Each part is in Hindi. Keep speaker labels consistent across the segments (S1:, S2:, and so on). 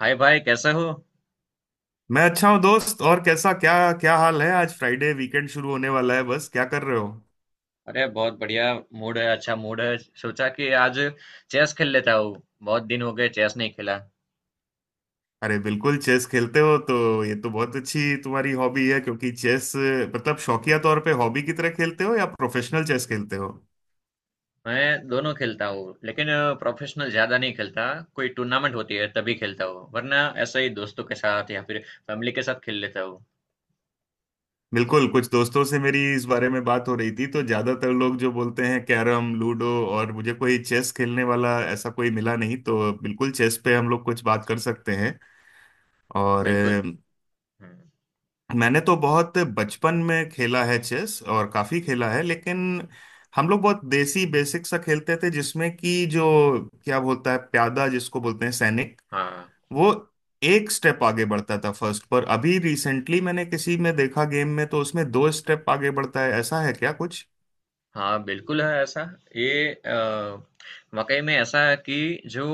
S1: हाय भाई, कैसे हो?
S2: मैं अच्छा हूँ, दोस्त। और कैसा क्या? क्या हाल है? आज फ्राइडे, वीकेंड शुरू होने वाला है। बस क्या कर रहे हो?
S1: अरे बहुत बढ़िया मूड है, अच्छा मूड है। सोचा कि आज चेस खेल लेता हूँ। बहुत दिन हो गए चेस नहीं खेला।
S2: अरे बिल्कुल, चेस खेलते हो तो ये तो बहुत अच्छी तुम्हारी हॉबी है, क्योंकि चेस मतलब शौकिया तौर पे हॉबी की तरह खेलते हो या प्रोफेशनल चेस खेलते हो?
S1: मैं दोनों खेलता हूँ, लेकिन प्रोफेशनल ज्यादा नहीं खेलता। कोई टूर्नामेंट होती है तभी खेलता हूँ, वरना ऐसे ही दोस्तों के साथ या फिर फैमिली के साथ खेल लेता हूँ।
S2: बिल्कुल, कुछ दोस्तों से मेरी इस बारे में बात हो रही थी, तो ज्यादातर लोग जो बोलते हैं कैरम, लूडो, और मुझे कोई चेस खेलने वाला ऐसा कोई मिला नहीं। तो बिल्कुल चेस पे हम लोग कुछ बात कर सकते हैं। और
S1: बिल्कुल। हम्म,
S2: मैंने तो बहुत बचपन में खेला है चेस, और काफी खेला है, लेकिन हम लोग बहुत देसी बेसिक सा खेलते थे, जिसमें कि जो क्या बोलता है, प्यादा जिसको बोलते हैं सैनिक,
S1: हाँ।
S2: वो एक स्टेप आगे बढ़ता था फर्स्ट पर। अभी रिसेंटली मैंने किसी में देखा, गेम में, तो उसमें दो स्टेप आगे बढ़ता है। ऐसा है क्या कुछ?
S1: हाँ, बिल्कुल है ऐसा। ये अ, वाकई में ऐसा है कि जो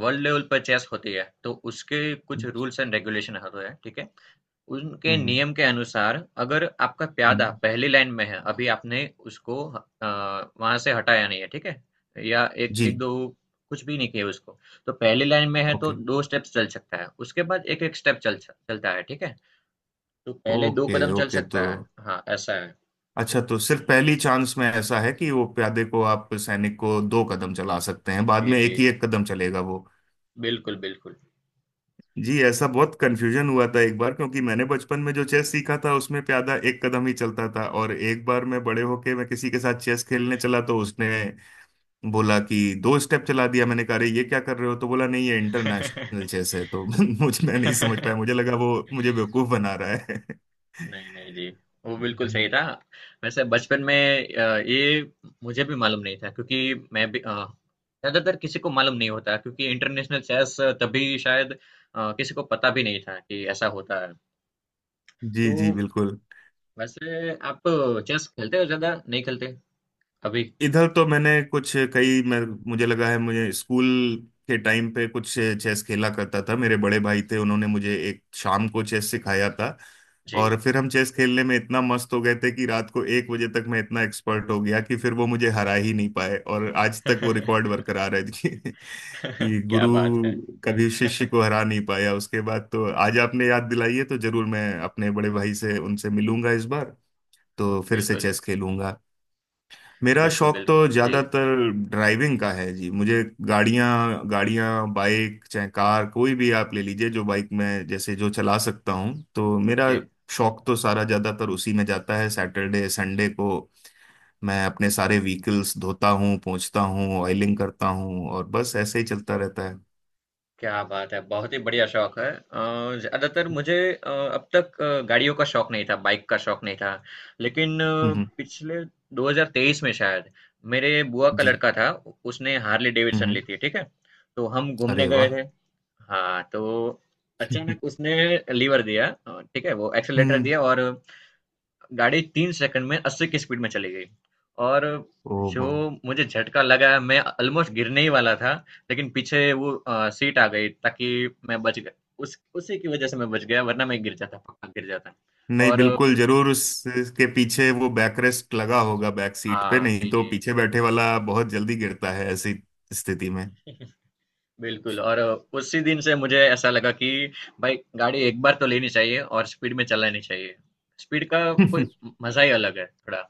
S1: वर्ल्ड लेवल पर चेस होती है तो उसके कुछ
S2: हम्म।
S1: रूल्स एंड रेगुलेशन होते हैं, ठीक है। उनके
S2: हम्म।
S1: नियम के अनुसार, अगर आपका प्यादा
S2: हम्म।
S1: पहली लाइन में है, अभी आपने उसको वहाँ से हटाया नहीं है, ठीक है? या एक,
S2: जी।
S1: 1-2 कुछ भी नहीं किया उसको, तो पहली लाइन में है तो
S2: ओके
S1: 2 स्टेप्स चल सकता है, उसके बाद 1-1 स्टेप चल स चलता है, ठीक है? तो पहले 2
S2: ओके
S1: कदम चल
S2: ओके, तो
S1: सकता है। हाँ, ऐसा है।
S2: अच्छा तो सिर्फ पहली चांस में ऐसा है कि वो प्यादे को, आप सैनिक को, दो कदम चला सकते हैं। बाद
S1: जी,
S2: में एक
S1: जी।
S2: ही एक कदम चलेगा वो।
S1: बिल्कुल, बिल्कुल।
S2: जी, ऐसा बहुत कंफ्यूजन हुआ था एक बार, क्योंकि मैंने बचपन में जो चेस सीखा था उसमें प्यादा एक कदम ही चलता था, और एक बार मैं बड़े होके मैं किसी के साथ चेस खेलने चला तो उसने बोला कि दो स्टेप चला दिया। मैंने कहा अरे ये क्या कर रहे हो? तो बोला नहीं, ये इंटरनेशनल चेस है। तो मुझे मैं नहीं समझ पाया, मुझे लगा वो मुझे बेवकूफ बना रहा है।
S1: नहीं, नहीं जी, वो बिल्कुल सही था। वैसे बचपन में ये मुझे भी मालूम नहीं था, क्योंकि मैं भी ज्यादातर किसी को मालूम नहीं होता, क्योंकि इंटरनेशनल चेस तभी शायद किसी को पता भी नहीं था कि ऐसा होता है।
S2: जी
S1: तो
S2: जी, बिल्कुल।
S1: वैसे आप चेस खेलते हो? ज्यादा नहीं खेलते अभी?
S2: इधर तो मैंने कुछ कई मैं, मुझे लगा है, मुझे स्कूल के टाइम पे कुछ चेस खेला करता था। मेरे बड़े भाई थे, उन्होंने मुझे एक शाम को चेस सिखाया था,
S1: जी।
S2: और फिर हम चेस खेलने में इतना मस्त हो गए थे कि रात को 1 बजे तक मैं इतना एक्सपर्ट हो गया कि फिर वो मुझे हरा ही नहीं पाए, और आज तक वो रिकॉर्ड बरकरार है। कि
S1: क्या
S2: गुरु
S1: बात है।
S2: कभी शिष्य को हरा नहीं पाया उसके बाद। तो आज आपने याद दिलाई है, तो जरूर मैं अपने बड़े भाई से, उनसे मिलूंगा इस बार, तो फिर से
S1: बिल्कुल,
S2: चेस खेलूंगा। मेरा
S1: बिल्कुल,
S2: शौक
S1: बिल्कुल।
S2: तो
S1: जी,
S2: ज्यादातर ड्राइविंग का है जी। मुझे गाड़ियां, गाड़ियां, बाइक, चाहे कार, कोई भी आप ले लीजिए, जो बाइक में जैसे जो चला सकता हूँ, तो मेरा
S1: जी।
S2: शौक तो सारा ज्यादातर उसी में जाता है। सैटरडे संडे को मैं अपने सारे व्हीकल्स धोता हूँ, पोंछता हूँ, ऑयलिंग करता हूँ, और बस ऐसे ही चलता रहता है।
S1: क्या बात है, बहुत ही बढ़िया शौक है। ज्यादातर मुझे अब तक गाड़ियों का शौक नहीं था, बाइक का शौक नहीं था। लेकिन
S2: हम्म।
S1: पिछले 2023 में शायद, मेरे बुआ का
S2: जी।
S1: लड़का था, उसने हार्ले डेविडसन
S2: हम्म।
S1: ली थी, ठीक है। तो हम घूमने
S2: अरे
S1: गए
S2: वाह।
S1: थे। हाँ, तो अचानक उसने लीवर दिया, ठीक है, वो एक्सेलेटर
S2: हम्म।
S1: दिया और गाड़ी 3 सेकंड में 80 की स्पीड में चली गई। और
S2: ओ।
S1: जो मुझे झटका लगा, मैं ऑलमोस्ट गिरने ही वाला था, लेकिन पीछे वो सीट आ गई, ताकि मैं बच गया। उस उसी की वज़ह से मैं बच गया, वरना मैं गिर जाता, पक्का गिर जाता।
S2: नहीं,
S1: और
S2: बिल्कुल जरूर उसके पीछे वो बैकरेस्ट लगा होगा बैक सीट पे,
S1: हाँ,
S2: नहीं
S1: जी,
S2: तो
S1: जी।
S2: पीछे बैठे वाला बहुत जल्दी गिरता है ऐसी स्थिति में।
S1: बिल्कुल, और उसी दिन से मुझे ऐसा लगा कि भाई, गाड़ी एक बार तो लेनी चाहिए और स्पीड में चलानी चाहिए। स्पीड का कोई मज़ा ही अलग है थोड़ा।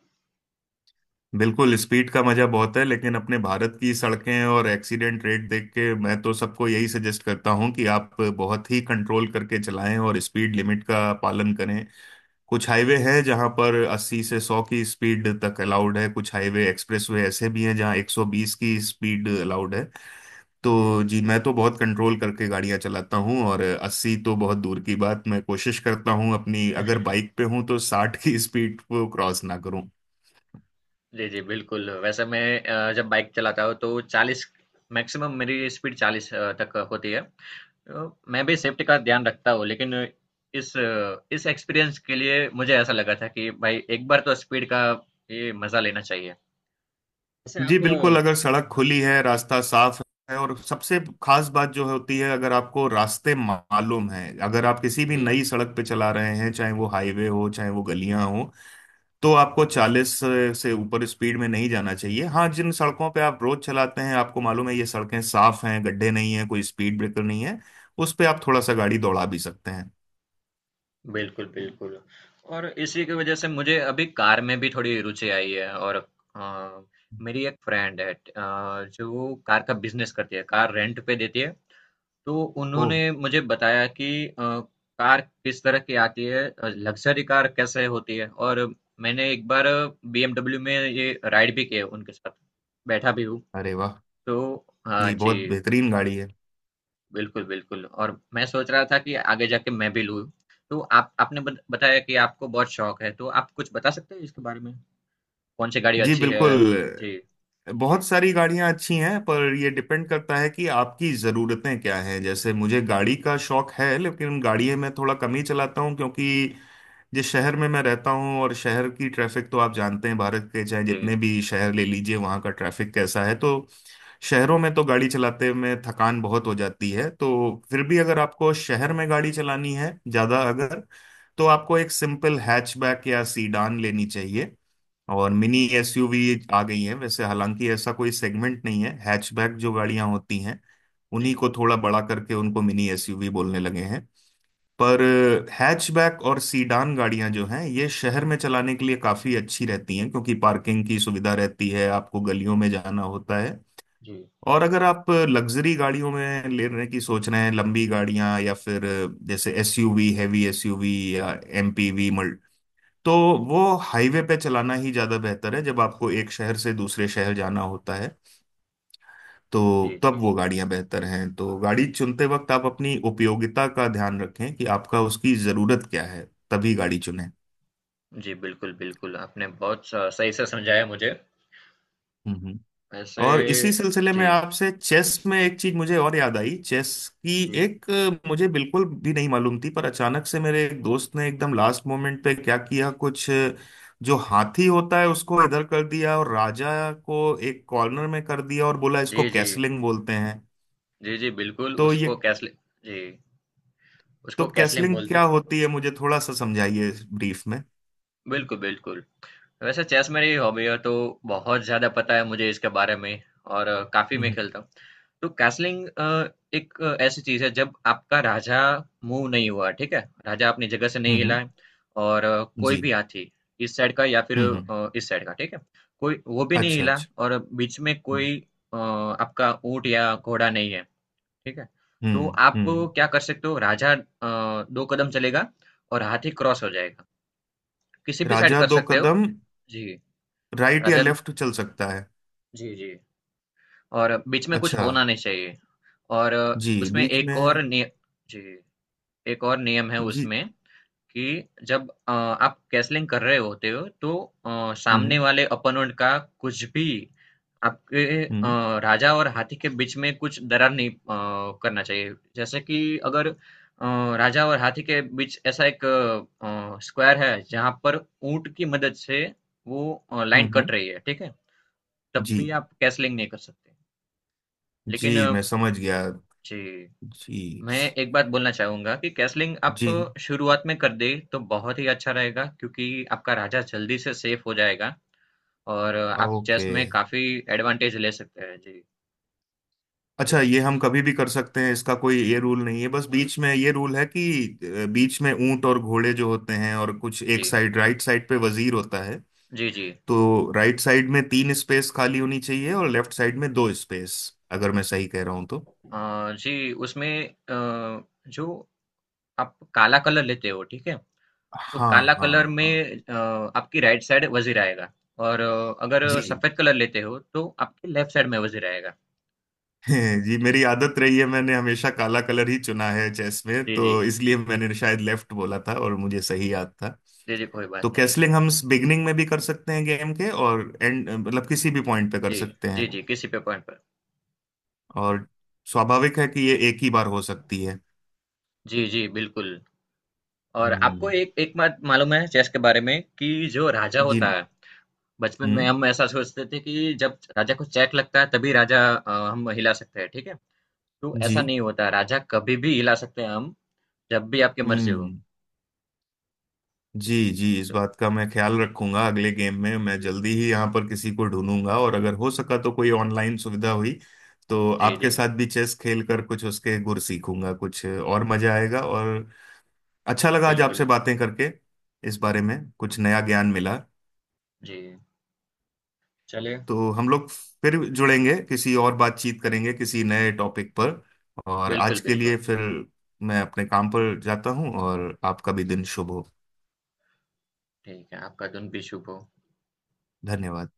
S2: बिल्कुल, स्पीड का मजा बहुत है, लेकिन अपने भारत की सड़कें और एक्सीडेंट रेट देख के मैं तो सबको यही सजेस्ट करता हूं कि आप बहुत ही कंट्रोल करके चलाएं और स्पीड लिमिट का पालन करें। कुछ हाईवे हैं जहां पर 80 से 100 की स्पीड तक अलाउड है। कुछ हाईवे एक्सप्रेसवे ऐसे भी हैं जहां 120 की स्पीड अलाउड है।
S1: जी।
S2: तो जी, मैं तो बहुत कंट्रोल करके गाड़ियां चलाता हूँ, और 80 तो बहुत दूर की बात, मैं कोशिश करता हूँ अपनी, अगर बाइक पे हूँ तो 60 की स्पीड को क्रॉस ना करूँ।
S1: जी, जी, बिल्कुल। वैसे मैं जब बाइक चलाता हूँ तो 40, मैक्सिमम मेरी स्पीड 40 तक होती है। मैं भी सेफ्टी का ध्यान रखता हूँ, लेकिन इस एक्सपीरियंस के लिए मुझे ऐसा लगा था कि भाई, एक बार तो स्पीड का ये मजा लेना चाहिए। वैसे
S2: जी
S1: आप,
S2: बिल्कुल, अगर सड़क
S1: हाँ,
S2: खुली है, रास्ता साफ है, और सबसे खास बात जो होती है, अगर आपको रास्ते मालूम है। अगर आप किसी भी
S1: जी।
S2: नई सड़क पे चला रहे हैं, चाहे वो हाईवे हो चाहे वो गलियां हो, तो आपको 40 से ऊपर स्पीड में नहीं जाना चाहिए। हाँ, जिन सड़कों पे आप रोज चलाते हैं, आपको मालूम है ये सड़कें साफ हैं, गड्ढे नहीं हैं, कोई स्पीड ब्रेकर नहीं है, उस पे आप थोड़ा सा गाड़ी दौड़ा भी सकते हैं।
S1: बिल्कुल, बिल्कुल। और इसी की वजह से मुझे अभी कार में भी थोड़ी रुचि आई है, और अ, मेरी एक फ्रेंड है, जो कार का बिज़नेस करती है, कार रेंट पे देती है। तो
S2: ओह।
S1: उन्होंने मुझे बताया कि कार किस तरह की आती है, लग्ज़री कार कैसे होती है, और मैंने एक बार बीएमडब्ल्यू में ये राइड भी किया उनके साथ, बैठा भी हूँ।
S2: अरे वाह।
S1: तो हाँ
S2: जी,
S1: जी,
S2: बहुत बेहतरीन गाड़ी है।
S1: बिल्कुल, बिल्कुल, और मैं सोच रहा था कि आगे जाके मैं भी लूँ। तो आप आपने बत बताया कि आपको बहुत शौक है, तो आप कुछ बता सकते हैं इसके बारे में? कौन-सी गाड़ी
S2: जी
S1: अच्छी
S2: बिल्कुल,
S1: है? जी, जी,
S2: बहुत सारी गाड़ियां अच्छी हैं, पर ये डिपेंड करता है कि आपकी ज़रूरतें क्या हैं। जैसे मुझे गाड़ी का शौक है लेकिन गाड़ी में थोड़ा कम ही चलाता हूँ, क्योंकि जिस शहर में मैं रहता हूँ और शहर की ट्रैफिक, तो आप जानते हैं भारत के चाहे जितने
S1: जी,
S2: भी शहर ले लीजिए वहाँ का ट्रैफिक कैसा है। तो शहरों में तो गाड़ी चलाते में थकान बहुत हो जाती है। तो फिर भी अगर आपको शहर में गाड़ी चलानी है ज़्यादा, अगर, तो आपको एक सिंपल हैचबैक या सीडान लेनी चाहिए। और मिनी
S1: जी,
S2: एसयूवी आ गई है वैसे, हालांकि ऐसा कोई सेगमेंट नहीं है। हैचबैक जो गाड़ियां होती हैं उन्हीं
S1: जी,
S2: को थोड़ा बड़ा करके उनको मिनी एसयूवी बोलने लगे हैं। पर हैचबैक और सीडान गाड़ियां जो हैं ये शहर में चलाने के लिए काफी अच्छी रहती हैं, क्योंकि पार्किंग की सुविधा रहती है, आपको गलियों में जाना होता है।
S1: जी,
S2: और अगर आप लग्जरी गाड़ियों में लेने की सोच रहे हैं, लंबी गाड़ियां, या फिर जैसे एसयूवी, हैवी एसयूवी, या एमपीवी मल्ट, तो वो हाईवे पे चलाना ही ज्यादा बेहतर है, जब आपको एक शहर से दूसरे शहर जाना होता है।
S1: जी,
S2: तो तब
S1: जी।
S2: वो गाड़ियां बेहतर हैं। तो गाड़ी चुनते वक्त आप अपनी उपयोगिता का ध्यान रखें कि आपका उसकी जरूरत क्या है, तभी गाड़ी चुनें।
S1: जी, बिल्कुल, बिल्कुल, आपने बहुत स सही से समझाया मुझे।
S2: हम्म।
S1: वैसे
S2: और इसी सिलसिले में
S1: जी,
S2: आपसे, चेस में एक चीज मुझे और याद आई चेस की।
S1: जी।
S2: एक मुझे बिल्कुल भी नहीं मालूम थी, पर अचानक से मेरे एक दोस्त ने एकदम लास्ट मोमेंट पे क्या किया, कुछ जो हाथी होता है उसको इधर कर दिया और राजा को एक कॉर्नर में कर दिया और बोला इसको
S1: जी, जी।
S2: कैसलिंग बोलते हैं।
S1: जी, जी, बिल्कुल
S2: तो
S1: उसको
S2: ये
S1: कैसलि जी,
S2: तो
S1: उसको कैसलिंग
S2: कैसलिंग
S1: बोलते
S2: क्या
S1: हैं।
S2: होती है मुझे थोड़ा सा समझाइए, ब्रीफ में।
S1: बिल्कुल, बिल्कुल। वैसे चेस मेरी हॉबी है तो बहुत ज़्यादा पता है मुझे इसके बारे में, और काफ़ी मैं
S2: हम्म।
S1: खेलता हूँ। तो कैसलिंग एक ऐसी चीज़ है जब आपका राजा मूव नहीं हुआ, ठीक है? राजा अपनी जगह से नहीं हिला
S2: हम्म।
S1: है, और कोई
S2: जी।
S1: भी हाथी इस साइड का या फिर
S2: हम्म। हम्म।
S1: इस साइड का, ठीक है? कोई वो भी नहीं
S2: अच्छा
S1: हिला,
S2: अच्छा।
S1: और बीच में
S2: हम्म।
S1: कोई आपका ऊँट या घोड़ा नहीं है। ठीक है? तो
S2: हम्म।
S1: आप
S2: हम्म।
S1: क्या कर सकते हो? राजा 2 कदम चलेगा और हाथी क्रॉस हो जाएगा। किसी भी साइड
S2: राजा
S1: कर
S2: दो
S1: सकते हो।
S2: कदम
S1: जी,
S2: राइट या
S1: राजा।
S2: लेफ्ट चल सकता है?
S1: जी, जी। और बीच में कुछ
S2: अच्छा।
S1: होना नहीं चाहिए। और
S2: जी,
S1: उसमें
S2: बीच
S1: एक
S2: में।
S1: और निय जी, एक और नियम है
S2: जी।
S1: उसमें, कि जब आप कैसलिंग कर रहे होते हो, तो सामने
S2: हम्म
S1: वाले ओपोनेंट का कुछ भी आपके
S2: हम्म।
S1: राजा और हाथी के बीच में कुछ दरार नहीं करना चाहिए, जैसे कि अगर राजा और हाथी के बीच ऐसा एक स्क्वायर है जहां पर ऊंट की मदद से वो लाइन कट
S2: हम्म।
S1: रही है, ठीक है। तब
S2: जी
S1: भी आप कैसलिंग नहीं कर सकते। लेकिन
S2: जी मैं समझ गया।
S1: जी,
S2: जी
S1: मैं एक बात बोलना चाहूँगा कि कैसलिंग आप
S2: जी
S1: शुरुआत में कर दें, तो बहुत ही अच्छा रहेगा, क्योंकि आपका राजा जल्दी से सेफ हो जाएगा। और आप चेस
S2: ओके।
S1: में काफ़ी एडवांटेज ले सकते हैं। जी,
S2: अच्छा, ये हम कभी भी कर सकते हैं? इसका कोई ये रूल नहीं है? बस बीच में ये रूल है कि बीच में ऊंट और घोड़े जो होते हैं, और कुछ एक
S1: जी।
S2: साइड राइट साइड पे वजीर होता है।
S1: जी, जी।
S2: तो राइट साइड में तीन स्पेस खाली होनी चाहिए, और लेफ्ट साइड में दो स्पेस, अगर मैं सही कह रहा हूं तो।
S1: जी, उसमें जो आप काला कलर लेते हो, ठीक है? तो
S2: हाँ
S1: काला कलर
S2: हाँ हाँ।
S1: में आपकी राइट साइड वज़ीर आएगा, और अगर
S2: जी।
S1: सफ़ेद कलर लेते हो, तो आपकी लेफ्ट साइड में वज़ीर आएगा।
S2: जी, मेरी आदत रही है, मैंने हमेशा काला कलर ही चुना है चेस में,
S1: जी,
S2: तो
S1: जी।
S2: इसलिए मैंने शायद लेफ्ट बोला था और मुझे सही याद था।
S1: जी, जी, कोई बात
S2: तो
S1: नहीं।
S2: कैसलिंग हम बिगनिंग में भी कर सकते हैं गेम के, और एंड मतलब किसी भी पॉइंट पे कर
S1: जी,
S2: सकते
S1: जी,
S2: हैं।
S1: जी, किसी पे पॉइंट पर।
S2: और स्वाभाविक है कि ये एक ही बार हो सकती है।
S1: जी, जी, बिल्कुल। और आपको
S2: हम्म।
S1: एक एक बात मालूम है चेस के बारे में, कि जो राजा
S2: जी।
S1: होता है, बचपन में
S2: हम्म।
S1: हम ऐसा सोचते थे कि जब राजा को चेक लगता है, तभी राजा हम हिला सकते हैं, ठीक है? तो ऐसा
S2: जी।
S1: नहीं होता, राजा कभी भी हिला सकते हैं हम, जब भी आपकी मर्ज़ी हो।
S2: हम्म। जी जी, इस
S1: तो
S2: बात का मैं ख्याल रखूंगा अगले गेम में। मैं
S1: जी,
S2: जल्दी ही यहाँ पर किसी को ढूंढूंगा, और अगर हो सका तो कोई ऑनलाइन सुविधा हुई तो
S1: जी, जी,
S2: आपके साथ भी चेस खेल कर कुछ उसके गुर सीखूंगा, कुछ और मजा आएगा। और अच्छा लगा आज आपसे
S1: बिल्कुल।
S2: बातें करके, इस बारे में कुछ नया ज्ञान मिला।
S1: जी, चलिए।
S2: तो हम लोग फिर जुड़ेंगे, किसी और बातचीत करेंगे किसी नए टॉपिक पर। और
S1: बिल्कुल,
S2: आज के
S1: बिल्कुल।
S2: लिए फिर, मैं अपने काम पर जाता हूँ, और आपका भी दिन शुभ हो।
S1: ठीक है, आपका दिन भी शुभ हो।
S2: धन्यवाद।